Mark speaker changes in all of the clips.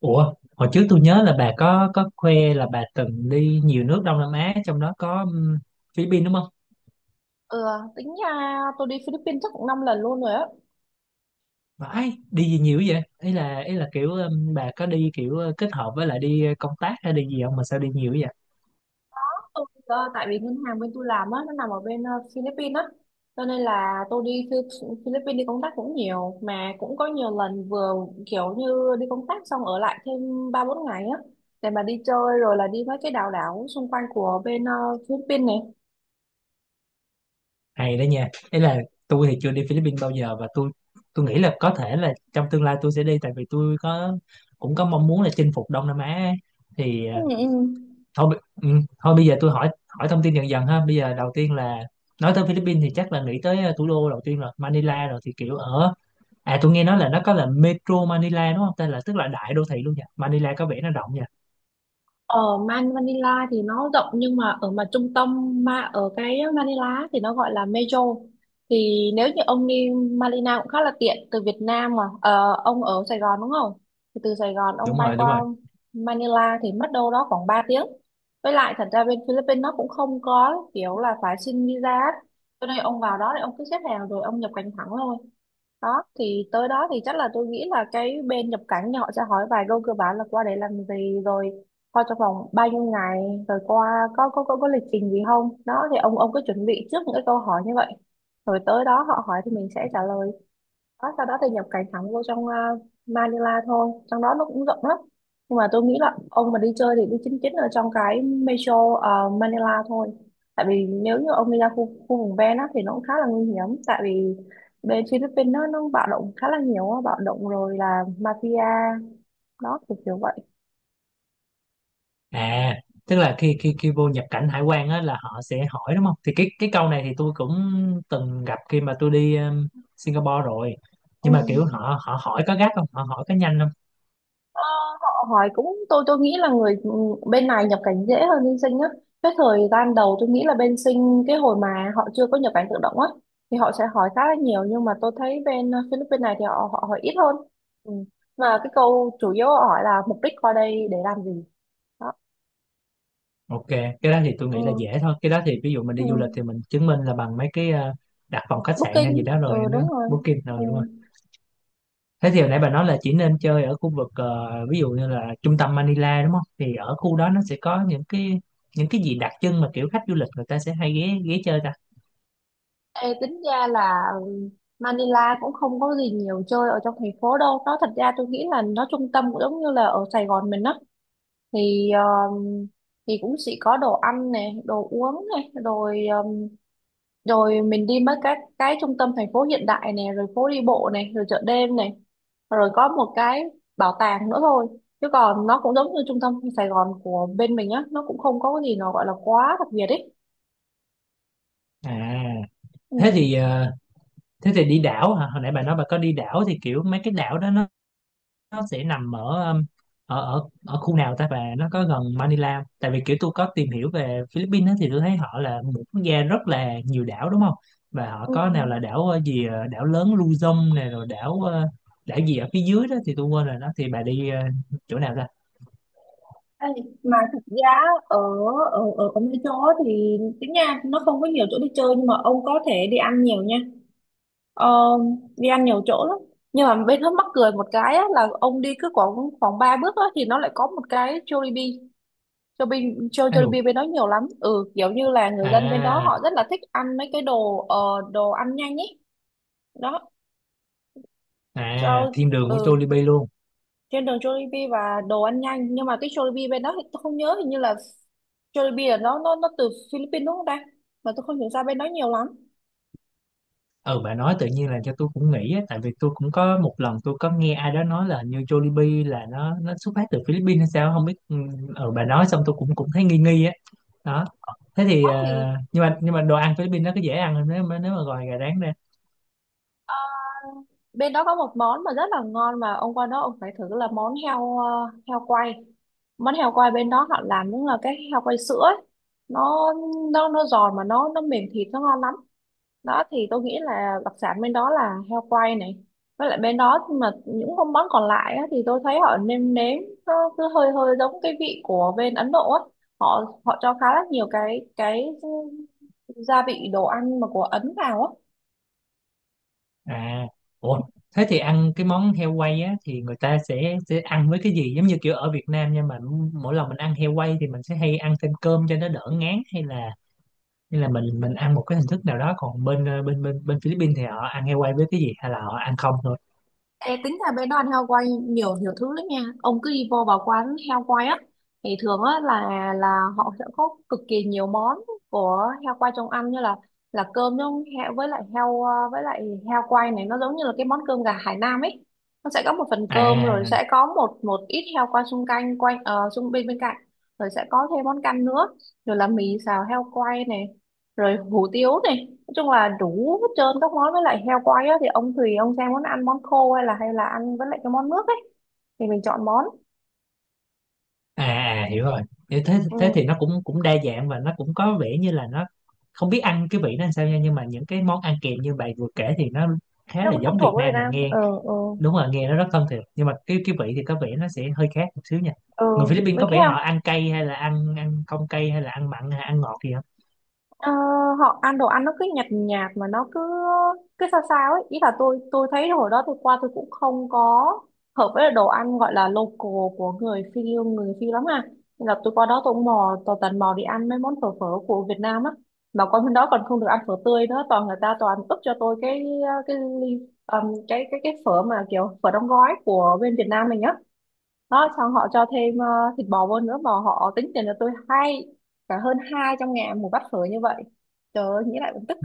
Speaker 1: Ủa, hồi trước tôi nhớ là bà có khoe là bà từng đi nhiều nước Đông Nam Á, trong đó có Philippines đúng không?
Speaker 2: Ừ, tính ra tôi đi Philippines chắc cũng 5 lần luôn rồi á.
Speaker 1: Vãi, đi gì nhiều vậy? Ý là kiểu bà có đi kiểu kết hợp với lại đi công tác hay đi gì không mà sao đi nhiều vậy?
Speaker 2: Tại vì ngân hàng bên tôi làm á, nó nằm ở bên Philippines á. Cho nên là tôi đi Philippines đi công tác cũng nhiều. Mà cũng có nhiều lần vừa kiểu như đi công tác xong ở lại thêm 3-4 ngày á. Để mà đi chơi rồi là đi mấy cái đảo đảo xung quanh của bên Philippines này.
Speaker 1: Hay đó nha. Ý là tôi thì chưa đi Philippines bao giờ, và tôi nghĩ là có thể là trong tương lai tôi sẽ đi, tại vì tôi cũng có mong muốn là chinh phục Đông Nam Á ấy. Thì
Speaker 2: Ừ, ừ.
Speaker 1: thôi bi- thôi bây giờ tôi hỏi hỏi thông tin dần dần ha. Bây giờ đầu tiên là, nói tới Philippines thì chắc là nghĩ tới thủ đô đầu tiên, rồi Manila. Rồi thì kiểu ở, à tôi nghe nói là nó có là Metro Manila đúng không, tên là, tức là đại đô thị luôn nha. Manila có vẻ nó rộng nha.
Speaker 2: Ở Manila thì nó rộng, nhưng mà ở mà trung tâm mà ở cái Manila thì nó gọi là Metro. Thì nếu như ông đi Manila cũng khá là tiện từ Việt Nam. Ông ở Sài Gòn đúng không? Thì từ Sài Gòn ông
Speaker 1: Đúng
Speaker 2: bay
Speaker 1: rồi,
Speaker 2: qua
Speaker 1: đúng rồi.
Speaker 2: Manila thì mất đâu đó khoảng 3 tiếng. Với lại thật ra bên Philippines nó cũng không có kiểu là phải xin visa á, cho nên ông vào đó thì ông cứ xếp hàng rồi ông nhập cảnh thẳng thôi. Đó, thì tới đó thì chắc là tôi nghĩ là cái bên nhập cảnh thì họ sẽ hỏi vài câu cơ bản là qua đấy làm gì rồi qua trong vòng bao nhiêu ngày rồi qua có lịch trình gì không. Đó thì ông cứ chuẩn bị trước những cái câu hỏi như vậy, rồi tới đó họ hỏi thì mình sẽ trả lời. Đó, sau đó thì nhập cảnh thẳng vô trong Manila thôi. Trong đó nó cũng rộng lắm, nhưng mà tôi nghĩ là ông mà đi chơi thì đi chính chính ở trong cái metro Manila thôi. Tại vì nếu như ông đi ra khu vùng ven á, thì nó cũng khá là nguy hiểm. Tại vì bên Philippines nó bạo động khá là nhiều á, bạo động rồi là mafia, đó, kiểu kiểu vậy.
Speaker 1: À tức là khi khi khi vô nhập cảnh hải quan á là họ sẽ hỏi đúng không? Thì cái câu này thì tôi cũng từng gặp khi mà tôi đi Singapore rồi.
Speaker 2: Ừ.
Speaker 1: Nhưng mà kiểu họ họ hỏi có gắt không, họ hỏi có nhanh không?
Speaker 2: Ờ, Họ hỏi cũng, tôi nghĩ là người bên này nhập cảnh dễ hơn bên sinh á. Cái thời gian đầu tôi nghĩ là bên sinh cái hồi mà họ chưa có nhập cảnh tự động á thì họ sẽ hỏi khá là nhiều, nhưng mà tôi thấy bên Philippines này thì họ họ hỏi ít hơn. Ừ. Mà cái câu chủ yếu họ hỏi là mục đích qua đây để làm gì, đó.
Speaker 1: Ok, cái đó thì tôi nghĩ là
Speaker 2: Ừ.
Speaker 1: dễ thôi. Cái đó thì ví dụ mình
Speaker 2: Ừ.
Speaker 1: đi du lịch thì mình chứng minh là bằng mấy cái đặt phòng khách sạn hay gì
Speaker 2: Booking,
Speaker 1: đó, rồi
Speaker 2: ừ,
Speaker 1: nó
Speaker 2: đúng rồi.
Speaker 1: booking
Speaker 2: Ừ.
Speaker 1: rồi đúng không? Thế thì hồi nãy bà nói là chỉ nên chơi ở khu vực ví dụ như là trung tâm Manila đúng không? Thì ở khu đó nó sẽ có những cái gì đặc trưng mà kiểu khách du lịch người ta sẽ hay ghé ghé chơi ta?
Speaker 2: Ê, tính ra là ừ, Manila cũng không có gì nhiều chơi ở trong thành phố đâu. Nó, thật ra tôi nghĩ là nó trung tâm cũng giống như là ở Sài Gòn mình á, thì um, thì cũng sẽ có đồ ăn này, đồ uống này, rồi rồi mình đi mấy cái trung tâm thành phố hiện đại này, rồi phố đi bộ này, rồi chợ đêm này, rồi có một cái bảo tàng nữa thôi. Chứ còn nó cũng giống như trung tâm Sài Gòn của bên mình á, nó cũng không có cái gì nó gọi là quá đặc biệt ấy.
Speaker 1: À,
Speaker 2: Ừ.
Speaker 1: thế thì ờ, thế thì đi đảo hả? Hồi nãy bà nói bà có đi đảo thì kiểu mấy cái đảo đó nó sẽ nằm ở ở khu nào ta, và nó có gần Manila không? Tại vì kiểu tôi có tìm hiểu về Philippines á, thì tôi thấy họ là một quốc gia rất là nhiều đảo đúng không? Và họ
Speaker 2: Ừ.
Speaker 1: có nào là đảo đảo lớn Luzon này, rồi đảo gì ở phía dưới đó thì tôi quên rồi. Đó thì bà đi chỗ nào ra?
Speaker 2: Ê, mà thực ra ở ở ở ở mấy chỗ thì tính nha, nó không có nhiều chỗ đi chơi nhưng mà ông có thể đi ăn nhiều nha. Ờ, Đi ăn nhiều chỗ lắm, nhưng mà bên Hớt mắc cười một cái á, là ông đi cứ khoảng khoảng 3 bước á, thì nó lại có một cái Jollibee. Jollibee,
Speaker 1: À,
Speaker 2: Jollibee bên đó nhiều lắm. Ừ, kiểu như là người dân bên đó
Speaker 1: à,
Speaker 2: họ rất là thích ăn mấy cái đồ ăn nhanh ấy, đó
Speaker 1: à,
Speaker 2: cho.
Speaker 1: thiên đường của
Speaker 2: Ừ,
Speaker 1: Jollibee luôn.
Speaker 2: trên đường Jollibee và đồ ăn nhanh. Nhưng mà cái Jollibee bên đó thì tôi không nhớ, hình như là Jollibee là nó từ Philippines đúng không ta? Mà tôi không hiểu ra bên đó nhiều lắm.
Speaker 1: Ừ, bà nói tự nhiên là cho tôi cũng nghĩ á, tại vì tôi cũng có một lần tôi có nghe ai đó nói là hình như Jollibee là nó xuất phát từ Philippines hay sao không biết. Ừ, ừ bà nói xong tôi cũng cũng thấy nghi nghi á đó. Thế thì
Speaker 2: Đó thì
Speaker 1: nhưng mà đồ ăn Philippines nó có dễ ăn không nếu mà, gọi gà rán ra?
Speaker 2: bên đó có một món mà rất là ngon mà ông qua đó ông phải thử, là món heo quay. Món heo quay bên đó họ làm đúng là cái heo quay sữa ấy. nó nó giòn mà nó mềm, thịt nó ngon lắm. Đó thì tôi nghĩ là đặc sản bên đó là heo quay này. Với lại bên đó mà những con món còn lại á, thì tôi thấy họ nêm nếm nó cứ hơi hơi giống cái vị của bên Ấn Độ á. Họ họ cho khá là nhiều cái gia vị đồ ăn mà của Ấn vào á.
Speaker 1: À, ủa thế thì ăn cái món heo quay á thì người ta sẽ ăn với cái gì? Giống như kiểu ở Việt Nam, nhưng mà mỗi lần mình ăn heo quay thì mình sẽ hay ăn thêm cơm cho nó đỡ ngán, hay là nên là mình ăn một cái hình thức nào đó? Còn bên bên Philippines thì họ ăn heo quay với cái gì, hay là họ ăn không thôi?
Speaker 2: Ê, tính ra bé Đoan heo quay nhiều nhiều thứ lắm nha. Ông cứ đi vô vào quán heo quay á thì thường á là họ sẽ có cực kỳ nhiều món của heo quay trong ăn, như là cơm trong heo, với lại với lại heo quay này nó giống như là cái món cơm gà Hải Nam ấy. Nó sẽ có một phần cơm rồi
Speaker 1: À,
Speaker 2: sẽ có một một ít heo quay xung quanh quanh ờ, xung bên bên cạnh, rồi sẽ có thêm món canh nữa, rồi là mì xào heo quay này, rồi hủ tiếu này. Nói chung là đủ hết trơn các món. Với lại heo quay á thì ông tùy ông xem muốn ăn món khô hay là ăn với lại cái món nước ấy, thì mình chọn món.
Speaker 1: à, à, hiểu rồi. thế thế
Speaker 2: Ừ,
Speaker 1: thế thì nó cũng cũng đa dạng, và nó cũng có vẻ như là nó không biết ăn cái vị nó làm sao nha. Nhưng mà những cái món ăn kèm như bạn vừa kể thì nó khá
Speaker 2: nó
Speaker 1: là
Speaker 2: cũng thân
Speaker 1: giống Việt
Speaker 2: thuộc với Việt
Speaker 1: Nam nha,
Speaker 2: Nam.
Speaker 1: nghe.
Speaker 2: Ừ. Ừ.
Speaker 1: Đúng rồi, nghe nó rất thân thiện. Nhưng mà cái vị thì có vẻ nó sẽ hơi khác một xíu nha.
Speaker 2: Ừ,
Speaker 1: Người Philippines
Speaker 2: mấy
Speaker 1: có
Speaker 2: cái
Speaker 1: vẻ họ
Speaker 2: heo.
Speaker 1: ăn cay, hay là ăn ăn không cay, hay là ăn mặn hay ăn ngọt gì?
Speaker 2: Ờ, họ ăn đồ ăn nó cứ nhạt nhạt mà nó cứ cứ sao sao ấy. Ý là tôi thấy hồi đó tôi qua tôi cũng không có hợp với đồ ăn gọi là local của người Phi lắm à. Nên là tôi qua đó tôi cũng mò, tôi tần mò đi ăn mấy món phở phở của Việt Nam á. Mà qua bên đó còn không được ăn phở tươi nữa, toàn người ta toàn ướp cho tôi cái ly, cái phở mà kiểu phở đóng gói của bên Việt Nam mình á. Đó, xong họ cho thêm ờ, thịt bò vô nữa mà họ tính tiền cho tôi hai cả hơn 200.000 một bát phở như vậy. Trời ơi, nghĩ lại cũng tức.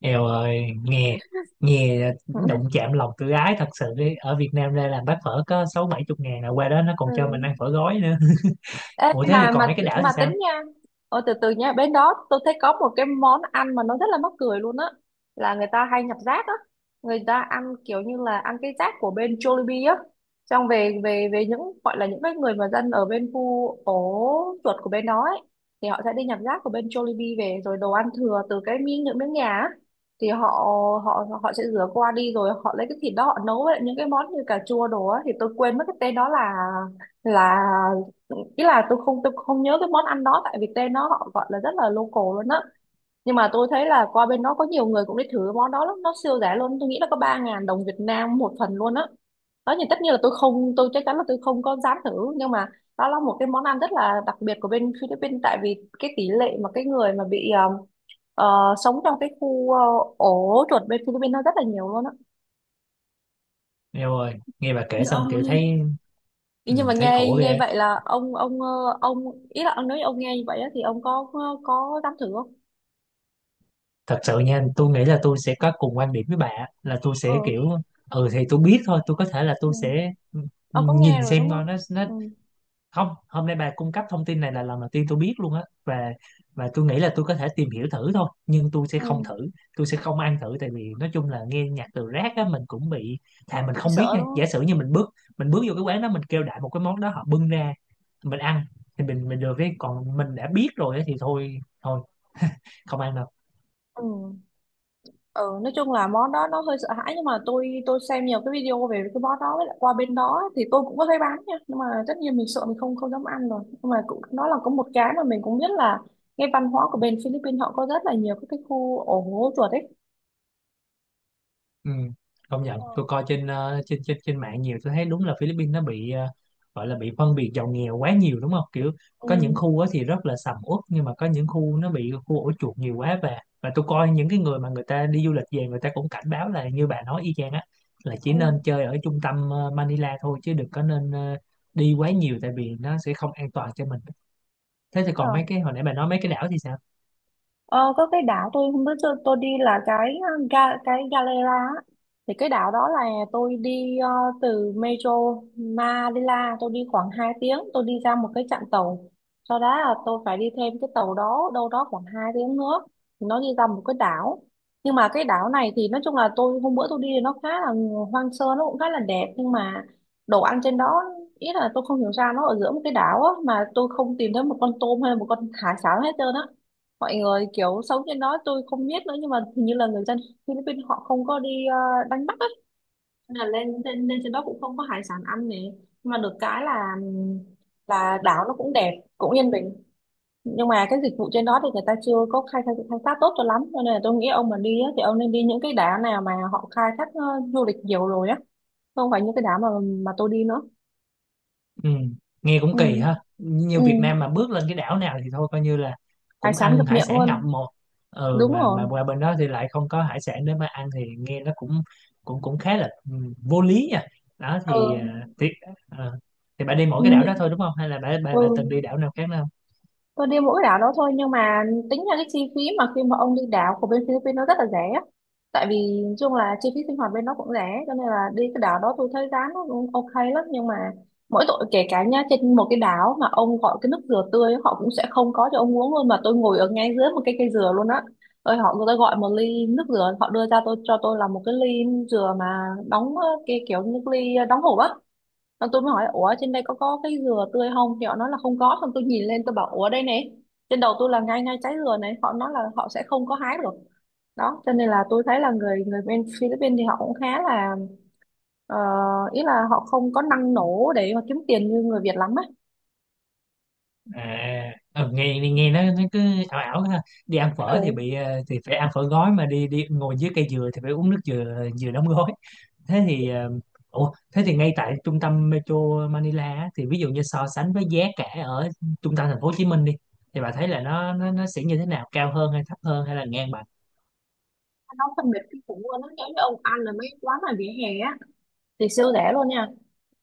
Speaker 1: Eo ơi, nghe nghe đụng chạm lòng tự ái thật sự đi. Ở Việt Nam ra làm bát phở có 60-70 ngàn, là qua đó nó
Speaker 2: Ừ.
Speaker 1: còn cho mình ăn phở gói nữa.
Speaker 2: Ê,
Speaker 1: Ủa thế thì còn mấy cái đảo thì
Speaker 2: mà
Speaker 1: sao?
Speaker 2: tính nha, ôi từ từ nha, bên đó tôi thấy có một cái món ăn mà nó rất là mắc cười luôn á, là người ta hay nhặt rác á. Người ta ăn kiểu như là ăn cái rác của bên Jollibee á. Xong về về về những gọi là những cái người mà dân ở bên khu ổ chuột của bên đó ấy, thì họ sẽ đi nhặt rác của bên Jollibee về, rồi đồ ăn thừa từ cái miếng những miếng nhà á, thì họ họ họ sẽ rửa qua đi, rồi họ lấy cái thịt đó họ nấu với những cái món như cà chua đồ á. Thì tôi quên mất cái tên đó là ý là tôi không nhớ cái món ăn đó. Tại Việt Nam nó, họ gọi là rất là local luôn á, nhưng mà tôi thấy là qua bên đó có nhiều người cũng đi thử cái món đó lắm. Nó siêu rẻ luôn, tôi nghĩ là có 3.000 đồng Việt Nam một phần luôn á. Đó thì tất nhiên là tôi không tôi chắc chắn là tôi không có dám thử, nhưng mà đó là một cái món ăn rất là đặc biệt của bên Philippines. Tại vì cái tỷ lệ mà cái người mà sống trong cái khu ổ chuột bên Philippines nó rất là nhiều luôn á,
Speaker 1: Eo ơi, nghe bà kể
Speaker 2: như
Speaker 1: xong
Speaker 2: ông.
Speaker 1: kiểu thấy.
Speaker 2: Ý,
Speaker 1: Ừ,
Speaker 2: nhưng mà
Speaker 1: thấy
Speaker 2: nghe
Speaker 1: khổ
Speaker 2: nghe
Speaker 1: ghê.
Speaker 2: vậy là ông ý là ông nói ông nghe như vậy á, thì ông có dám thử không?
Speaker 1: Thật sự nha, tôi nghĩ là tôi sẽ có cùng quan điểm với bà á, là tôi sẽ kiểu
Speaker 2: Ừ.
Speaker 1: ừ thì tôi biết thôi. Tôi có thể là
Speaker 2: Ừ.
Speaker 1: tôi sẽ
Speaker 2: Ông có nghe
Speaker 1: nhìn
Speaker 2: rồi đúng
Speaker 1: xem coi
Speaker 2: không?
Speaker 1: nó
Speaker 2: Ừ.
Speaker 1: không. Hôm nay bà cung cấp thông tin này là lần đầu tiên tôi biết luôn á, và tôi nghĩ là tôi có thể tìm hiểu thử thôi, nhưng tôi sẽ không
Speaker 2: Ừ.
Speaker 1: thử. Tôi sẽ không ăn thử, tại vì nói chung là nghe nhạc từ rác á mình cũng bị. Thà mình
Speaker 2: Bị
Speaker 1: không biết
Speaker 2: sợ
Speaker 1: nha,
Speaker 2: đúng
Speaker 1: giả
Speaker 2: không?
Speaker 1: sử như mình bước vô cái quán đó mình kêu đại một cái món đó, họ bưng ra mình ăn thì mình được cái. Còn mình đã biết rồi á thì thôi thôi không ăn đâu.
Speaker 2: Ừ. Ừ. Nói chung là món đó nó hơi sợ hãi, nhưng mà tôi xem nhiều cái video về cái món đó. Với lại qua bên đó thì tôi cũng có thấy bán nha, nhưng mà tất nhiên mình sợ mình không không dám ăn rồi. Nhưng mà cũng nó là có một cái mà mình cũng biết là cái văn hóa của bên Philippines họ có rất là nhiều các cái khu ổ hố chuột ấy.
Speaker 1: Ừ, công nhận tôi
Speaker 2: Ừ.
Speaker 1: coi trên trên mạng nhiều, tôi thấy đúng là Philippines nó bị gọi là bị phân biệt giàu nghèo quá nhiều đúng không, kiểu
Speaker 2: Ừ.
Speaker 1: có những khu á thì rất là sầm uất, nhưng mà có những khu nó bị khu ổ chuột nhiều quá. Và tôi coi những cái người mà người ta đi du lịch về người ta cũng cảnh báo là như bà nói y chang á, là chỉ
Speaker 2: Ừ.
Speaker 1: nên chơi ở trung tâm Manila thôi, chứ đừng có nên đi quá nhiều, tại vì nó sẽ không an toàn cho mình. Thế
Speaker 2: Đúng
Speaker 1: thì còn
Speaker 2: rồi.
Speaker 1: mấy cái hồi nãy bà nói mấy cái đảo thì sao?
Speaker 2: Ờ, có cái đảo tôi không biết, tôi đi là cái Galera á. Thì cái đảo đó là tôi đi từ Metro Manila. Tôi đi khoảng 2 tiếng, tôi đi ra một cái trạm tàu, sau đó là tôi phải đi thêm cái tàu đó đâu đó khoảng 2 tiếng nữa thì nó đi ra một cái đảo. Nhưng mà cái đảo này thì nói chung là tôi hôm bữa tôi đi thì nó khá là hoang sơ, nó cũng khá là đẹp, nhưng mà đồ ăn trên đó, ý là tôi không hiểu sao nó ở giữa một cái đảo á mà tôi không tìm thấy một con tôm hay là một con hải sản hết trơn á. Mọi người kiểu sống trên đó tôi không biết nữa, nhưng mà hình như là người dân Philippines họ không có đi đánh bắt ấy. Nên là lên lên lên trên đó cũng không có hải sản ăn này, nhưng mà được cái là đảo nó cũng đẹp, cũng yên bình, nhưng mà cái dịch vụ trên đó thì người ta chưa có khai thác tốt cho lắm. Cho nên là tôi nghĩ ông mà đi á, thì ông nên đi những cái đảo nào mà họ khai thác du lịch nhiều rồi á, không phải những cái đảo mà tôi đi nữa.
Speaker 1: Ừ, nghe cũng
Speaker 2: Ừ.
Speaker 1: kỳ ha. Như
Speaker 2: Ừ.
Speaker 1: Việt Nam mà bước lên cái đảo nào thì thôi coi như là
Speaker 2: Hải
Speaker 1: cũng
Speaker 2: sản ngập
Speaker 1: ăn hải
Speaker 2: miệng
Speaker 1: sản ngập
Speaker 2: luôn.
Speaker 1: một. Ừ,
Speaker 2: Đúng
Speaker 1: mà
Speaker 2: rồi.
Speaker 1: qua bên đó thì lại không có hải sản để mà ăn, thì nghe nó cũng cũng cũng khá là vô lý nha. Đó
Speaker 2: Ừ.
Speaker 1: thì ờ, thì bạn đi mỗi cái đảo đó
Speaker 2: Ừ.
Speaker 1: thôi đúng không, hay là bạn
Speaker 2: Ừ.
Speaker 1: bạn, bạn từng đi đảo nào khác nữa không?
Speaker 2: Tôi đi mỗi đảo đó thôi, nhưng mà tính ra cái chi phí mà khi mà ông đi đảo của bên Philippines nó rất là rẻ á. Tại vì nói chung là chi phí sinh hoạt bên nó cũng rẻ, cho nên là đi cái đảo đó tôi thấy giá nó cũng ok lắm. Nhưng mà mỗi tội kể cả nha, trên một cái đảo mà ông gọi cái nước dừa tươi họ cũng sẽ không có cho ông uống luôn, mà tôi ngồi ở ngay dưới một cái cây dừa luôn á. Rồi người ta gọi một ly nước dừa, họ đưa ra tôi, cho tôi là một cái ly dừa mà đóng cái kiểu như cái ly đóng hộp á. Xong tôi mới hỏi ủa trên đây có cái dừa tươi không, thì họ nói là không có. Xong tôi nhìn lên tôi bảo ủa đây này, trên đầu tôi là ngay ngay trái dừa này, họ nói là họ sẽ không có hái được. Đó cho nên là tôi thấy là người người bên Philippines thì họ cũng khá là ờ, ý là họ không có năng nổ để mà kiếm tiền như người Việt lắm á.
Speaker 1: À ừ, nghe nghe nó cứ ảo ảo ha. Đi ăn phở thì
Speaker 2: Ừ.
Speaker 1: bị thì phải ăn phở gói, mà đi đi ngồi dưới cây dừa thì phải uống nước dừa dừa đóng gói. Thế thì ờ, ủa thế thì ngay tại trung tâm Metro Manila á, thì ví dụ như so sánh với giá cả ở trung tâm thành phố Hồ Chí Minh đi, thì bà thấy là nó sẽ như thế nào, cao hơn hay thấp hơn hay là ngang bằng?
Speaker 2: Nó phân biệt kinh khủng luôn. Nó giống như ông ăn ở mấy quán mà vỉa hè á thì siêu rẻ luôn nha,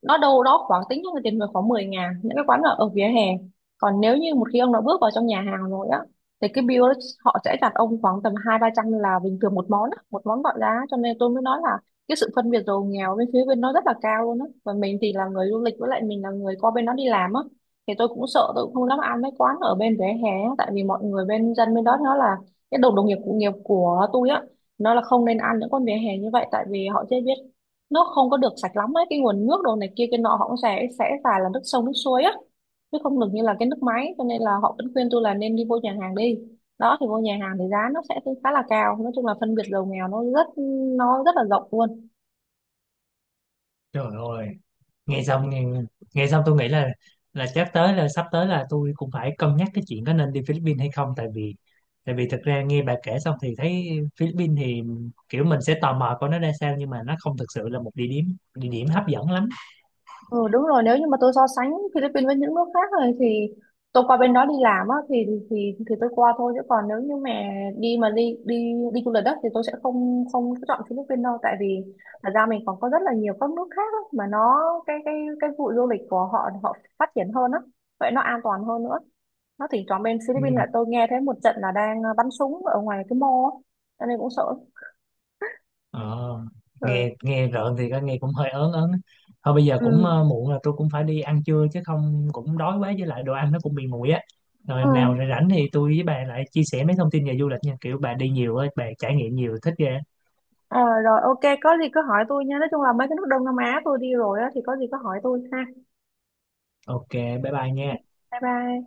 Speaker 2: nó đâu đó khoảng tính cho người tiền về khoảng 10 ngàn, những cái quán ở ở vỉa hè. Còn nếu như một khi ông đã bước vào trong nhà hàng rồi á, thì cái bill đó họ sẽ đặt ông khoảng tầm 2-3 trăm là bình thường một món á, một món gọi giá. Cho nên tôi mới nói là cái sự phân biệt giàu nghèo bên phía bên nó rất là cao luôn á. Và mình thì là người du lịch, với lại mình là người qua bên đó đi làm á, thì tôi cũng sợ, tôi cũng không dám ăn mấy quán ở bên vỉa hè á, tại vì mọi người bên dân bên đó nó là cái đồng đồng nghiệp cụ nghiệp của tôi á, nó là không nên ăn những con vỉa hè như vậy, tại vì họ chưa biết, nó không có được sạch lắm ấy, cái nguồn nước đồ này kia cái nọ họ cũng sẽ xài là nước sông nước suối á, chứ không được như là cái nước máy. Cho nên là họ vẫn khuyên tôi là nên đi vô nhà hàng đi. Đó thì vô nhà hàng thì giá nó sẽ khá là cao. Nói chung là phân biệt giàu nghèo nó rất là rộng luôn.
Speaker 1: Trời ơi, nghe xong nghe, nghe xong tôi nghĩ là chắc tới là sắp tới là tôi cũng phải cân nhắc cái chuyện có nên đi Philippines hay không, tại vì thực ra nghe bà kể xong thì thấy Philippines thì kiểu mình sẽ tò mò coi nó ra sao. Nhưng mà nó không thực sự là một địa điểm hấp dẫn lắm.
Speaker 2: Ừ, đúng rồi. Nếu như mà tôi so sánh Philippines với những nước khác rồi thì tôi qua bên đó đi làm á thì tôi qua thôi, chứ còn nếu như mà đi đi đi du lịch đó thì tôi sẽ không không chọn Philippines đâu. Tại vì thật ra mình còn có rất là nhiều các nước khác á, mà nó cái cái cái vụ du lịch của họ họ phát triển hơn á, vậy nó an toàn hơn nữa. Nó thì chọn bên
Speaker 1: Ừ.
Speaker 2: Philippines là tôi nghe thấy một trận là đang bắn súng ở ngoài cái mall á, cho nên cũng sợ.
Speaker 1: Ờ,
Speaker 2: Ừ.
Speaker 1: nghe nghe rợn thì có, nghe cũng hơi ớn ớn á. Thôi bây giờ
Speaker 2: Ừ.
Speaker 1: cũng muộn rồi, tôi cũng phải đi ăn trưa chứ không cũng đói quá, với lại đồ ăn nó cũng bị nguội á. Rồi
Speaker 2: Ừ.
Speaker 1: nào, rồi rảnh thì tôi với bà lại chia sẻ mấy thông tin về du lịch nha, kiểu bà đi nhiều á, bà trải nghiệm nhiều thích ghê.
Speaker 2: Ờ, rồi ok, có gì cứ hỏi tôi nha, nói chung là mấy cái nước Đông Nam Á tôi đi rồi á thì có gì cứ hỏi tôi ha.
Speaker 1: Ok, bye bye nha.
Speaker 2: Bye bye.